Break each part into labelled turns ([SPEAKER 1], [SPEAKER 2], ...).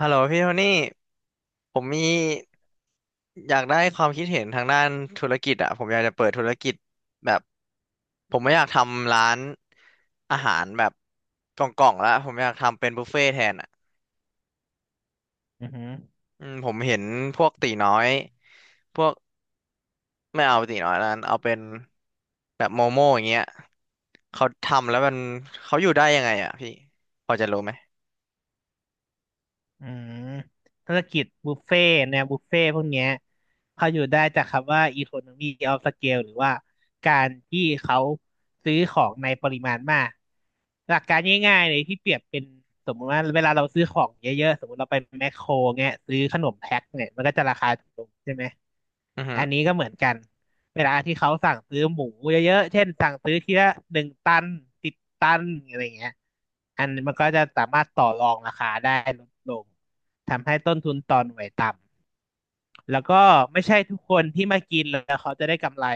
[SPEAKER 1] ฮัลโหลพี่โทนี่ผมมีอยากได้ความคิดเห็นทางด้านธุรกิจอ่ะผมอยากจะเปิดธุรกิจแบบผมไม่อยากทำร้านอาหารแบบกล่องๆแล้วผมอยากทำเป็นบุฟเฟ่ต์แทนอ่ะ
[SPEAKER 2] อือหือ
[SPEAKER 1] อืมผมเห็นพวกตีน้อยพวกไม่เอาตีน้อยแล้วกันเอาเป็นแบบโมโม่อย่างเงี้ยเขาทำแล้วมันเขาอยู่ได้ยังไงอ่ะพี่พอจะรู้ไหม
[SPEAKER 2] อืมธุรกิจบุฟเฟ่ต์แนวบุฟเฟ่ต์พวกเนี้ยเขาอยู่ได้จากคำว่า economy of scale หรือว่าการที่เขาซื้อของในปริมาณมากหลักการง่ายๆเลยที่เปรียบเป็นสมมติว่าเวลาเราซื้อของเยอะๆสมมติเราไปแมคโครเงี้ยซื้อขนมแพ็คเนี่ยมันก็จะราคาถูกลงใช่ไหม
[SPEAKER 1] อือฮึ
[SPEAKER 2] อันนี้ก็เหมือนกันเวลาที่เขาสั่งซื้อหมูเยอะๆเช่นสั่งซื้อทีละ1 ตัน10 ตันอะไรอเงี้ยอันมันก็จะสามารถต่อรองราคาได้ลดลงทำให้ต้นทุนต่อหน่วยต่ำแล้วก็ไม่ใช่ทุกคนที่มากินแล้วเขาจะได้กำไร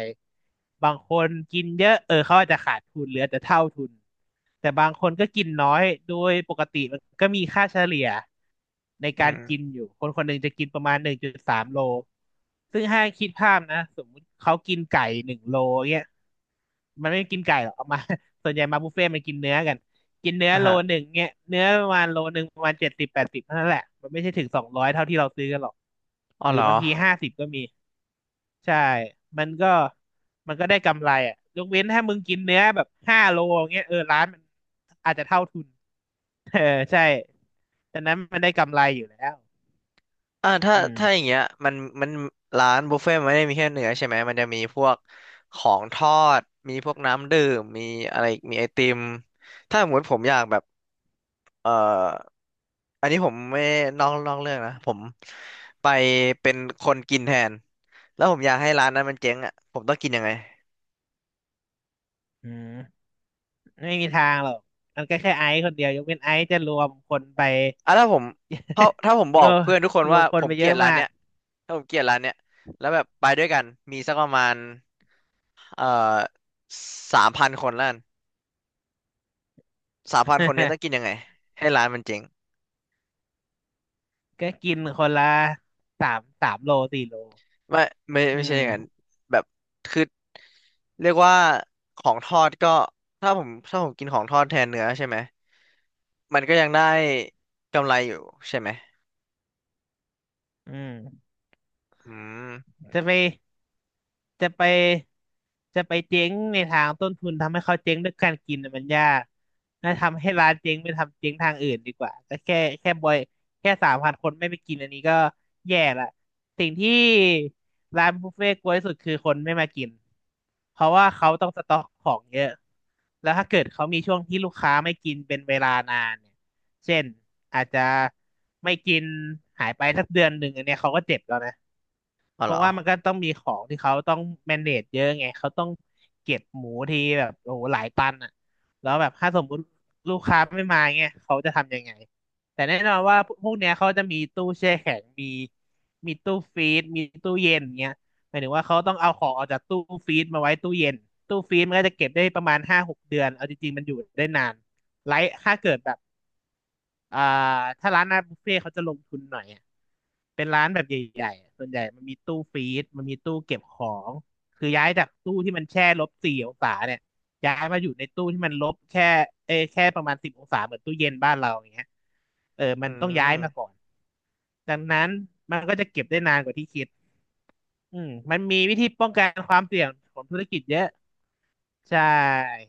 [SPEAKER 2] บางคนกินเยอะเออเขาอาจจะขาดทุนเหลือแต่เท่าทุนแต่บางคนก็กินน้อยโดยปกติมันก็มีค่าเฉลี่ย ใน
[SPEAKER 1] อื
[SPEAKER 2] การ
[SPEAKER 1] ม
[SPEAKER 2] กินอยู่คนคนหนึ่งจะกินประมาณ1.3 โล ซึ่งถ้าคิดภาพนะสมมุติเขากินไก่1 โลเงี้ยมันไม่กินไก่หรอกเอามา ส่วนใหญ่มาบุฟเฟ่ต์มันกินเนื้อกัน กินเนื้อ
[SPEAKER 1] อ่ะ
[SPEAKER 2] โล
[SPEAKER 1] ฮะ
[SPEAKER 2] หนึ่งเงี้ยเนื้อประมาณโลหนึ่งประมาณ70 80เท่านั้นแหละมันไม่ใช่ถึง200เท่าที่เราซื้อกันหรอก
[SPEAKER 1] อ๋อ
[SPEAKER 2] หรื
[SPEAKER 1] เห
[SPEAKER 2] อ
[SPEAKER 1] รอ
[SPEAKER 2] บางที50ก็มี ใช่ มันก็มันก็ได้กำไรอ่ะยกเว้นถ้ามึงกินเนื้อแบบ5 โลอย่างเงี้ยเออร้านมันอาจจะเท่าทุน เออใช่ฉะนั้นมันได้กำไรอยู่แล้ว
[SPEAKER 1] อ่าถ้า
[SPEAKER 2] อืม
[SPEAKER 1] อย่างเงี้ยมันมันร้านบุฟเฟ่ต์มันไม่ได้มีแค่เนื้อใช่ไหมมันจะมีพวกของทอดมีพวกน้ำดื่มมีอะไรอีกมีไอติมถ้าสมมติผมอยากแบบเอ่ออันนี้ผมไม่นอกเรื่องนะผมไปเป็นคนกินแทนแล้วผมอยากให้ร้านนั้นมันเจ๊งอ่ะผมต้องกินยังไง
[SPEAKER 2] อืมไม่มีทางหรอกมันก็แค่ไอซ์คนเดียวยกเว้นไอซ์จะรวมคนไป
[SPEAKER 1] อ่ะถ้าผมเพราะถ้าผมบอ
[SPEAKER 2] ร
[SPEAKER 1] ก
[SPEAKER 2] วม
[SPEAKER 1] เพื่อนทุกคน
[SPEAKER 2] รว
[SPEAKER 1] ว่า
[SPEAKER 2] มค
[SPEAKER 1] ผ
[SPEAKER 2] น
[SPEAKER 1] ม
[SPEAKER 2] ไป
[SPEAKER 1] เก
[SPEAKER 2] เย
[SPEAKER 1] ลียด
[SPEAKER 2] อะ
[SPEAKER 1] ร้าน
[SPEAKER 2] มา
[SPEAKER 1] เนี้
[SPEAKER 2] ก
[SPEAKER 1] ยถ้าผมเกลียดร้านเนี้ยแล้วแบบไปด้วยกันมีสักประมาณ เอ่อ3,000 คนล้านสามพันคนนี้ต้ องกินยังไงให้ร้านมันเจ๊ง
[SPEAKER 2] ก็กินคนละสามสามโลสี่โล
[SPEAKER 1] ไม่
[SPEAKER 2] อื
[SPEAKER 1] ไม่ใช่อย่างนั้น
[SPEAKER 2] ม
[SPEAKER 1] แบบคือเรียกว่าของทอดก็ถ้าผมกินของทอดแทนเนื้อใช่ไหมมันก็ยังได้กำไรอยู่ใช่ไหม
[SPEAKER 2] อืม
[SPEAKER 1] อืม
[SPEAKER 2] จะไปจะไปจะไปเจ๊งในทางต้นทุนทำให้เขาเจ๊งด้วยการกินน่ะมันยากน่าทำให้ร้านเจ๊งไปทำเจ๊งทางอื่นดีกว่าก็แค่แค่บอยแค่3,000 คนไม่ไปกินอันนี้ก็แย่ละสิ่งที่ร้านบุฟเฟ่ต์กลัวที่สุดคือคนไม่มากินเพราะว่าเขาต้องสต็อกของเยอะแล้วถ้าเกิดเขามีช่วงที่ลูกค้าไม่กินเป็นเวลานานเนี่ยเช่นอาจจะไม่กินหายไปสักเดือนหนึ่งอันเนี้ยเขาก็เจ็บแล้วนะ
[SPEAKER 1] อ๋อ
[SPEAKER 2] เพ
[SPEAKER 1] เหร
[SPEAKER 2] ราะ
[SPEAKER 1] อ
[SPEAKER 2] ว่ามันก็ต้องมีของที่เขาต้อง manage เยอะไงเขาต้องเก็บหมูทีแบบโอ้โหหลายตันอ่ะแล้วแบบถ้าสมมุติลูกค้าไม่มาเงี้ยเขาจะทำยังไงแต่แน่นอนว่าพวกเนี้ยเขาจะมีตู้แช่แข็งมีตู้ฟรีซมีตู้เย็นเงี้ยหมายถึงว่าเขาต้องเอาของออกจากตู้ฟรีซมาไว้ตู้เย็นตู้ฟรีซมันก็จะเก็บได้ประมาณ5-6 เดือนเอาจริงๆมันอยู่ได้นานไลท์ถ้าเกิดแบบ อ่าถ้าร้านอาหารบุฟเฟ่ต์เขาจะลงทุนหน่อยอะเป็นร้านแบบใหญ่ๆอะส่วนใหญ่มันมีตู้ฟรีซมันมีตู้เก็บของคือย้ายจากตู้ที่มันแช่-4 องศาเนี่ยย้ายมาอยู่ในตู้ที่มันลบแค่เอยแค่ประมาณ10 องศาเหมือนตู้เย็นบ้านเราอย่างเงี้ยเออมั
[SPEAKER 1] อื
[SPEAKER 2] นต้องย้ายมาก่อ
[SPEAKER 1] ม
[SPEAKER 2] นดังนั้นมันก็จะเก็บได้นานกว่าที่คิดอืมมันมีวิธีป้องกันความเสี่ยงของธุรกิจเยอะ ใช่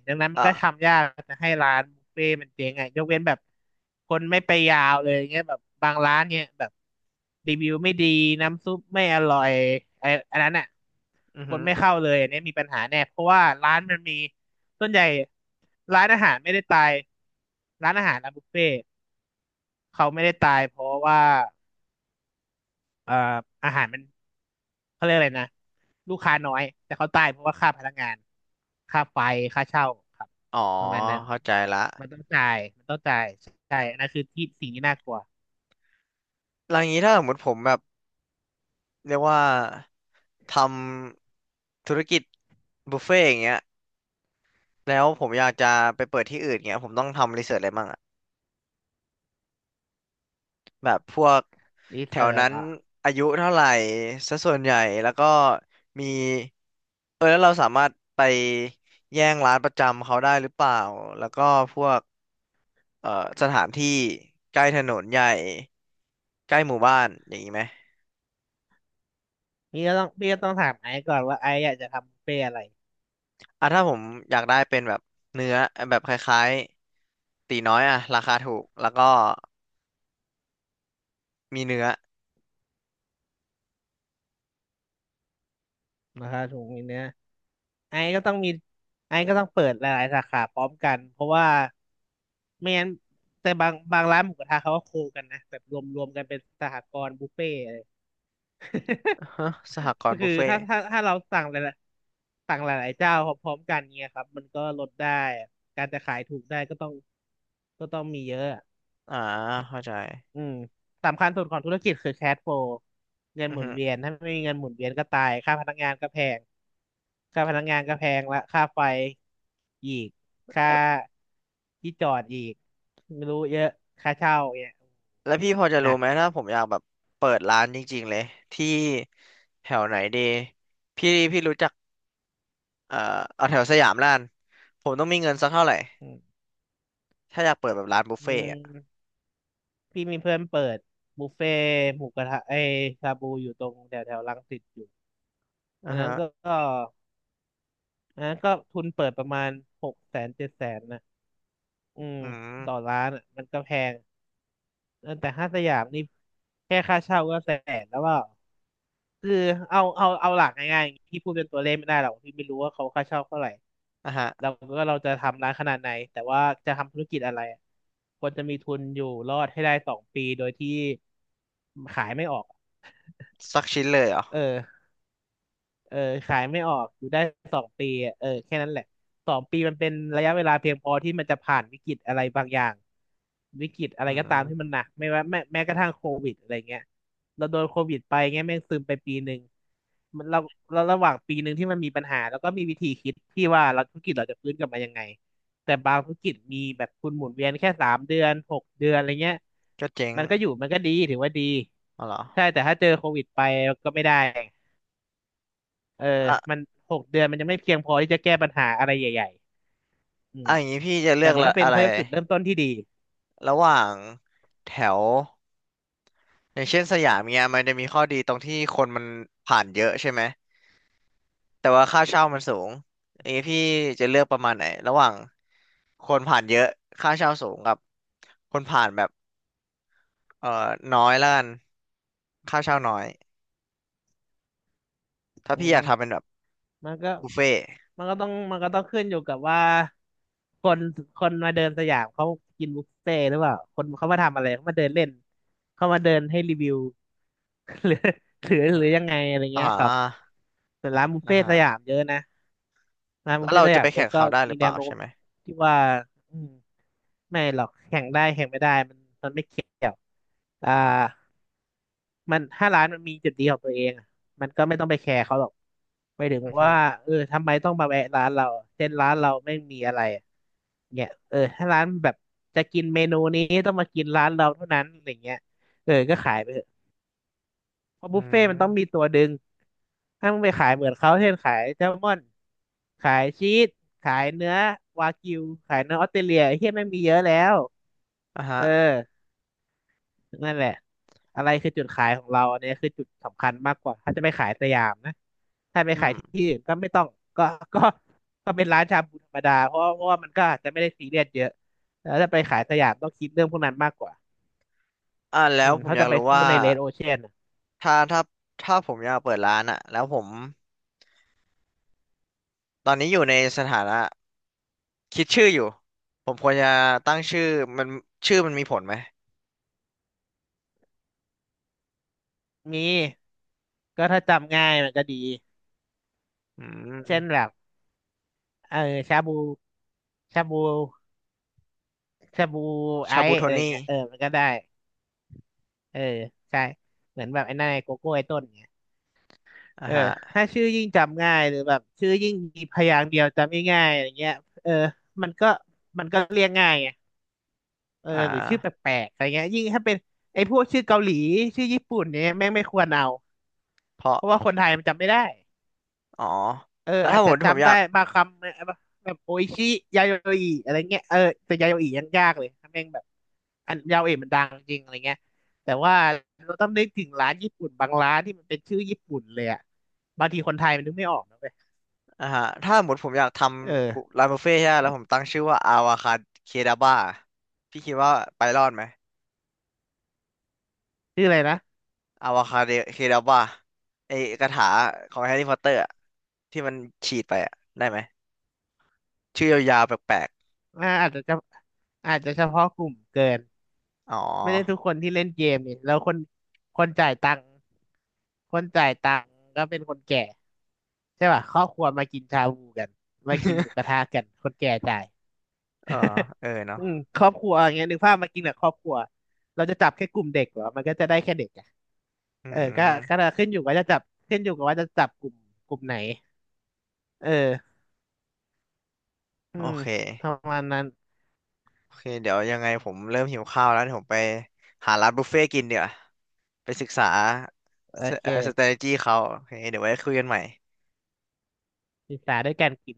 [SPEAKER 2] ดังนั้นมัน
[SPEAKER 1] อ่ะ
[SPEAKER 2] ก็ทำยากจะให้ร้านบุฟเฟ่ต์มันเจ๊งไงยกเว้นแบบคนไม่ไปยาวเลยเงี้ยแบบบางร้านเนี่ยแบบรีวิวไม่ดีน้ำซุปไม่อร่อยไอ้อันนั้นอ่ะ
[SPEAKER 1] อือ
[SPEAKER 2] ค
[SPEAKER 1] หื
[SPEAKER 2] น
[SPEAKER 1] อ
[SPEAKER 2] ไม่เข้าเลยอันเนี้ยมีปัญหาแน่เพราะว่าร้านมันมีส่วนใหญ่ร้านอาหารไม่ได้ตายร้านอาหารร้านบุฟเฟ่ต์เขาไม่ได้ตายเพราะว่า เอ่ออาหารมันเขาเรียกอะไรนะลูกค้าน้อยแต่เขาตายเพราะว่าค่าพนักงานค่าไฟค่าเช่าครับ
[SPEAKER 1] อ๋อ
[SPEAKER 2] ประมาณนั้น
[SPEAKER 1] เข้าใจละ
[SPEAKER 2] มันต้องจ่ายมันต้องจ่ายใช่อันนั่นคือที่สิ่งที่น่ากลัว
[SPEAKER 1] แล้วอย่างนี้ถ้าสมมติผมแบบเรียกว่าทำธุรกิจบุฟเฟ่ต์อย่างเงี้ย แล้วผมอยากจะไปเปิดที่อื่นเงี้ยผมต้องทำรีเสิร์ชอะไรบ้างอะแบบพวก
[SPEAKER 2] รี
[SPEAKER 1] แถ
[SPEAKER 2] เสิ
[SPEAKER 1] ว
[SPEAKER 2] ร์ช
[SPEAKER 1] นั้น
[SPEAKER 2] อ่ะ
[SPEAKER 1] อายุเท่าไหร่ซะส่วนใหญ่แล้วก็มีเออแล้วเราสามารถไปแย่งร้านประจำเขาได้หรือเปล่าแล้วก็พวกเอ่อสถานที่ใกล้ถนนใหญ่ใกล้หมู่บ้านอย่างนี้ไหม
[SPEAKER 2] พี่ก็ต้องถามไอซ์ก่อนว่าไอซ์อยากจะทำบุฟเฟ่อะไร
[SPEAKER 1] อ่ะถ้าผมอยากได้เป็นแบบเนื้อแบบคล้ายๆตีน้อยอะราคาถูกแล้วก็มีเนื้อ
[SPEAKER 2] นะครับถุงนี้เนี้ยไอซ์ก็ต้องมีไอซ์ก็ต้องเปิดหลายๆสาขาพร้อมกันเพราะว่าไม่งั้นแต่บางร้านหมูกระทะเขาก็โคกันนะแบบรวมกันเป็นสหกรณ์บุฟเฟ่
[SPEAKER 1] ฮะสหกร
[SPEAKER 2] ก็
[SPEAKER 1] ณ์บุ
[SPEAKER 2] คือ
[SPEAKER 1] ฟเฟ่
[SPEAKER 2] ถ้า
[SPEAKER 1] ต์
[SPEAKER 2] ถ้าถ้าเราสั่งหลายๆสั่งหลายๆเจ้าพร้อมๆกันเงี้ยครับมันก็ลดได้การจะขายถูกได้ก็ต้องก็ต้องมีเยอะอ
[SPEAKER 1] อ่าเข้าใจ
[SPEAKER 2] ืมสำคัญสุดของธุรกิจคือแคชโฟลเงิน
[SPEAKER 1] อื
[SPEAKER 2] ห
[SPEAKER 1] อ
[SPEAKER 2] มุน
[SPEAKER 1] ฮึ
[SPEAKER 2] เวียนถ้าไม่มีเงินหมุนเวียนก็ตายค่าพนักงานก็แพงค่าพนักงานก็แพงละค่าไฟอีกค่าที่จอดอีกไม่รู้เยอะค่าเช่าเนี่ย
[SPEAKER 1] แล้วพี่พอจะ
[SPEAKER 2] ห
[SPEAKER 1] รู้
[SPEAKER 2] นัก
[SPEAKER 1] ไหมถ้าผมอยากแบบเปิดร้านจริงๆเลยที่แถวไหนดีพี่รู้จักเอ่อเอาแถวสยามล้านผมต้องมีเงินสักเท่าไหร่ถ้าอยากเปิดแบบร้านบุฟ
[SPEAKER 2] อื
[SPEAKER 1] เฟ่ต์อะ
[SPEAKER 2] ม พี่มีเพื่อนเปิดบุฟเฟ่ต์หมูกระทะไอชาบูอยู่ตรงแถวแถวรังสิตอยู่อั
[SPEAKER 1] อ่า
[SPEAKER 2] นนั้น
[SPEAKER 1] ฮะ
[SPEAKER 2] ก็อันนั้นก็ทุนเปิดประมาณหกแสนเจ็ดแสนนะอืม
[SPEAKER 1] อื
[SPEAKER 2] ต่อ
[SPEAKER 1] ม
[SPEAKER 2] ร้านอ่ะมันก็แพงเออแต่ห้างสยามนี่แค่ค่าเช่าก็แสนแล้วว่าคือเอาหลักง่ายๆพี่พูดเป็นตัวเลขไม่ได้หรอกพี่ไม่รู้ว่าเขาค่าเช่าเท่าไหร่
[SPEAKER 1] อ่าฮะ
[SPEAKER 2] เราก็เราจะทำร้านขนาดไหนแต่ว่าจะทำธุรกิจอะไรอะควรจะมีทุนอยู่รอดให้ได้สองปีโดยที่ขายไม่ออก
[SPEAKER 1] สักชิ้นเลยเหรอ
[SPEAKER 2] เออ เออขายไม่ออกอยู่ได้สองปีอะเออแค่นั้นแหละสองปีมันเป็นระยะเวลาเพียงพอที่มันจะผ่านวิกฤตอะไรบางอย่างวิกฤตอะ
[SPEAKER 1] อื
[SPEAKER 2] ไรก็ตามที่มั
[SPEAKER 1] ม
[SPEAKER 2] นหนักไม่ว่าแม้กระทั่งโควิดอะไรเงี้ยเราโดนโควิดไปเงี้ยแม่งซึมไปปีหนึ่งมันเราเราระหว่างปีหนึ่งที่มันมีปัญหาแล้วก็มีวิธีคิดที่ว่าเราธุรกิจเราจะฟื้นกลับมายังไงแต่บางธุรกิจมีแบบทุนหมุนเวียนแค่สามเดือนหกเดือนอะไรเงี้ย
[SPEAKER 1] ก็เจ๊ง
[SPEAKER 2] มันก็อยู่มันก็ดีถือว่าดี
[SPEAKER 1] อ๋อเหรอ
[SPEAKER 2] ใช่แต่ถ้าเจอโควิดไปก็ไม่ได้ เออมั
[SPEAKER 1] อ่ะ
[SPEAKER 2] นหกเดือนมันยังไม่เพียงพอที่จะแก้ปัญหาอะไรใหญ่ๆอืม
[SPEAKER 1] อ่ะอย่างนี้พี่จะเลื
[SPEAKER 2] แต่
[SPEAKER 1] อก
[SPEAKER 2] มัน
[SPEAKER 1] ละ
[SPEAKER 2] ก็เป็น
[SPEAKER 1] อะไร
[SPEAKER 2] เขาเรียกจุดเริ่มต้นที่ดี
[SPEAKER 1] ระหว่างแถวอย่างเช่นสยามเงี้ยมันจะมีข้อดีตรงที่คนมันผ่านเยอะใช่ไหม แต่ว่าค่าเช่ามันสูงอย่างนี้พี่จะเลือกประมาณไหนระหว่างคนผ่านเยอะค่าเช่าสูงกับคนผ่านแบบเอ่อน้อยแล้วกันค่าเช่าน้อยถ้า
[SPEAKER 2] อื
[SPEAKER 1] พี่อยากทำเป็น
[SPEAKER 2] ม
[SPEAKER 1] แบบ
[SPEAKER 2] มันก็
[SPEAKER 1] บุฟเฟ่ต์
[SPEAKER 2] มันก็ต้องขึ้นอยู่กับว่าคนคนมาเดินสยามเขากินบุฟเฟ่ต์หรือเปล่าคนเขามาทำอะไรเขามาเดินเล่นเขามาเดินให้รีวิว หรือหรือ
[SPEAKER 1] อ
[SPEAKER 2] หรือ
[SPEAKER 1] ม
[SPEAKER 2] ยังไงอะไร
[SPEAKER 1] อ่า
[SPEAKER 2] เงี้ยครับแต่ร้านบุฟ
[SPEAKER 1] อ่า
[SPEAKER 2] เฟ่ต์
[SPEAKER 1] ฮะ
[SPEAKER 2] สยามเยอะนะ ร้าน
[SPEAKER 1] แล้
[SPEAKER 2] บุฟ
[SPEAKER 1] ว
[SPEAKER 2] เฟ่
[SPEAKER 1] เรา
[SPEAKER 2] ต์ส
[SPEAKER 1] จะ
[SPEAKER 2] ยา
[SPEAKER 1] ไป
[SPEAKER 2] มเย
[SPEAKER 1] แข่
[SPEAKER 2] อะ
[SPEAKER 1] ง
[SPEAKER 2] ก็
[SPEAKER 1] เขาได้ห
[SPEAKER 2] มี
[SPEAKER 1] รือเป
[SPEAKER 2] แน
[SPEAKER 1] ล่า
[SPEAKER 2] วโน้
[SPEAKER 1] ใช่
[SPEAKER 2] ม
[SPEAKER 1] ไหม
[SPEAKER 2] ที่ว่าอืมไม่หรอกแข่งได้แข่งไม่ได้มันไม่เกี่ยวอ่ามันถ้าร้านมันมีจุดดีของตัวเองอะมันก็ไม่ต้องไปแคร์เขาหรอกไปถึง
[SPEAKER 1] อือฮึ
[SPEAKER 2] ว่าเออทำไมต้องมาแวะร้านเราเช่นร้านเราไม่มีอะไรอะเนี่ยเออถ้าร้านแบบจะกินเมนูนี้ต้องมากินร้านเราเท่านั้นอะไรเงี้ยเออก็ขายไปเถอะ เพราะ
[SPEAKER 1] อื
[SPEAKER 2] บุฟเฟ่ต์มันต้องมี
[SPEAKER 1] ม
[SPEAKER 2] ตัวดึงถ้ามึงไปขายเหมือนเขาเช่นขายแซลมอนขายชีสขายเนื้อวากิวขายเนื้อออสเตรเลียไอ้เฮียไม่งมีเยอะแล้ว
[SPEAKER 1] อ่าฮะ
[SPEAKER 2] เออนั่นแหละอะไรคือจุดขายของเราอันนี้คือจุดสำคัญมากกว่าถ้าจะไปขายสยามนะถ้าไป
[SPEAKER 1] อื
[SPEAKER 2] ขายที่
[SPEAKER 1] ม
[SPEAKER 2] อื่นก็ไม่ต้องก็ก็ก็เป็นร้านชาบูธรรมดาเพราะว่ามันก็อาจจะไม่ได้ซีเรียสเยอะแล้วถ้าไปขายสยามต้องคิดเรื่องพวกนั้นมากกว่า
[SPEAKER 1] อ่าแล้
[SPEAKER 2] อื
[SPEAKER 1] ว
[SPEAKER 2] ม
[SPEAKER 1] ผม
[SPEAKER 2] เขา
[SPEAKER 1] อยา
[SPEAKER 2] จะ
[SPEAKER 1] ก
[SPEAKER 2] ไป
[SPEAKER 1] รู้
[SPEAKER 2] สู้
[SPEAKER 1] ว่า
[SPEAKER 2] ในเรดโอเชียน
[SPEAKER 1] ถ้าถ้าผมอยากเปิดร้านอะแล้วผมตอนนี้อยู่ในสถานะคิดชื่ออยู่ผมควรจะตั้งชื่อมันชื่อมันมีผลไหม
[SPEAKER 2] มีก็ถ้าจำง่ายมันก็ดี
[SPEAKER 1] อื
[SPEAKER 2] เช่นแบ
[SPEAKER 1] ม
[SPEAKER 2] บเออชาบูชาบูชาบูไอ
[SPEAKER 1] ชาบู
[SPEAKER 2] ซ์
[SPEAKER 1] โท
[SPEAKER 2] อะไร
[SPEAKER 1] นี่
[SPEAKER 2] เงี้ยเออมันก็ได้เออใช่เหมือนแบบไอ้นายโกโก้ไอ้ต้นเงี้ย
[SPEAKER 1] อ่า
[SPEAKER 2] เออ
[SPEAKER 1] ฮะ
[SPEAKER 2] ถ้าชื่อยิ่งจำง่ายหรือแบบชื่อยิ่งมีพยางค์เดียวจำง่ายๆอะไรเงี้ยเออมันก็มันก็เรียกง่ายไงเออ
[SPEAKER 1] อ่
[SPEAKER 2] หรือชื่อแป
[SPEAKER 1] า
[SPEAKER 2] ลกๆอะไรเงี้ยยิ่งถ้าเป็นไอ้พวกชื่อเกาหลีชื่อญี่ปุ่นเนี่ยแม่งไม่ควรเอา
[SPEAKER 1] เพ
[SPEAKER 2] เพ
[SPEAKER 1] ราะ
[SPEAKER 2] ราะว่าคนไทยมันจำไม่ได้
[SPEAKER 1] อ๋อ
[SPEAKER 2] เออ
[SPEAKER 1] แล้ว
[SPEAKER 2] อา
[SPEAKER 1] ถ้า
[SPEAKER 2] จ
[SPEAKER 1] หม
[SPEAKER 2] จะ
[SPEAKER 1] ดผมอ
[SPEAKER 2] จำ
[SPEAKER 1] ยา
[SPEAKER 2] ได้
[SPEAKER 1] ก
[SPEAKER 2] บางคำเนี่ยแบบโออิชิยาโยอิอะไรเงี้ยเออแต่ยาโยอิยังยากเลยถ้าแม่งแบบอันยาโยอิมันดังจริงอะไรเงี้ยแต่ว่าเราต้องนึกถึงร้านญี่ปุ่นบางร้านที่มันเป็นชื่อญี่ปุ่นเลยอะบางทีคนไทยมันนึกไม่ออกนะเว้ย
[SPEAKER 1] อ่าฮะถ้าหมดผมอยากทำบุ
[SPEAKER 2] เออ
[SPEAKER 1] ร้านบุฟเฟ่ต์ใช่ไหมแล้วผมตั้งชื่อว่าอาวาคาเคดาบ้าพี่คิดว่าไปรอดไหม
[SPEAKER 2] ชื่ออะไรนะ
[SPEAKER 1] อาวาคาเคดาบ้าไอกระถาของแฮร์รี่พอตเตอร์อะที่มันฉีดไปอะได้ไหมชื่อยาวๆแปลก
[SPEAKER 2] อ่าอาจจะอาจจะเฉพาะกลุ่มเกิน
[SPEAKER 1] ๆอ๋อ
[SPEAKER 2] ไม่ได้ ทุกคนที่เล่นเกมนี่แล้วคนจ่ายตังค์คนจ่ายตังค์ก็เป็นคนแก่ใช่ป่ะครอบครัวมากินชาบูกันมากินหมูกระทะกันคนแก่จ่าย
[SPEAKER 1] เออเออ เนาะ
[SPEAKER 2] อืมครอบครัวอย่างเงี้ยนึกภาพมากินกับครอบครัวเราจะจับแค่กลุ่มเด็กเหรอมันก็จะได้แค่เด็กอะ
[SPEAKER 1] อื
[SPEAKER 2] เออก็
[SPEAKER 1] ม
[SPEAKER 2] ขึ้นอยู่ว่าจะจับขึ้นอยู่กับว่าจะจับกลุ่มไหนเอออื
[SPEAKER 1] โอ
[SPEAKER 2] ม
[SPEAKER 1] เค
[SPEAKER 2] ประมาณนั้น
[SPEAKER 1] โอเคเดี๋ยวยังไงผมเริ่มหิวข้าวแล้วเดี๋ยวผมไปหาร้านบุฟเฟ่ต์กินเดี๋ยว ไปศึกษา
[SPEAKER 2] โอ
[SPEAKER 1] ส
[SPEAKER 2] เค
[SPEAKER 1] strategy เขาโอเคเดี๋ยวไว้คุยกันใหม่
[SPEAKER 2] ศึกษาด้วยการกิน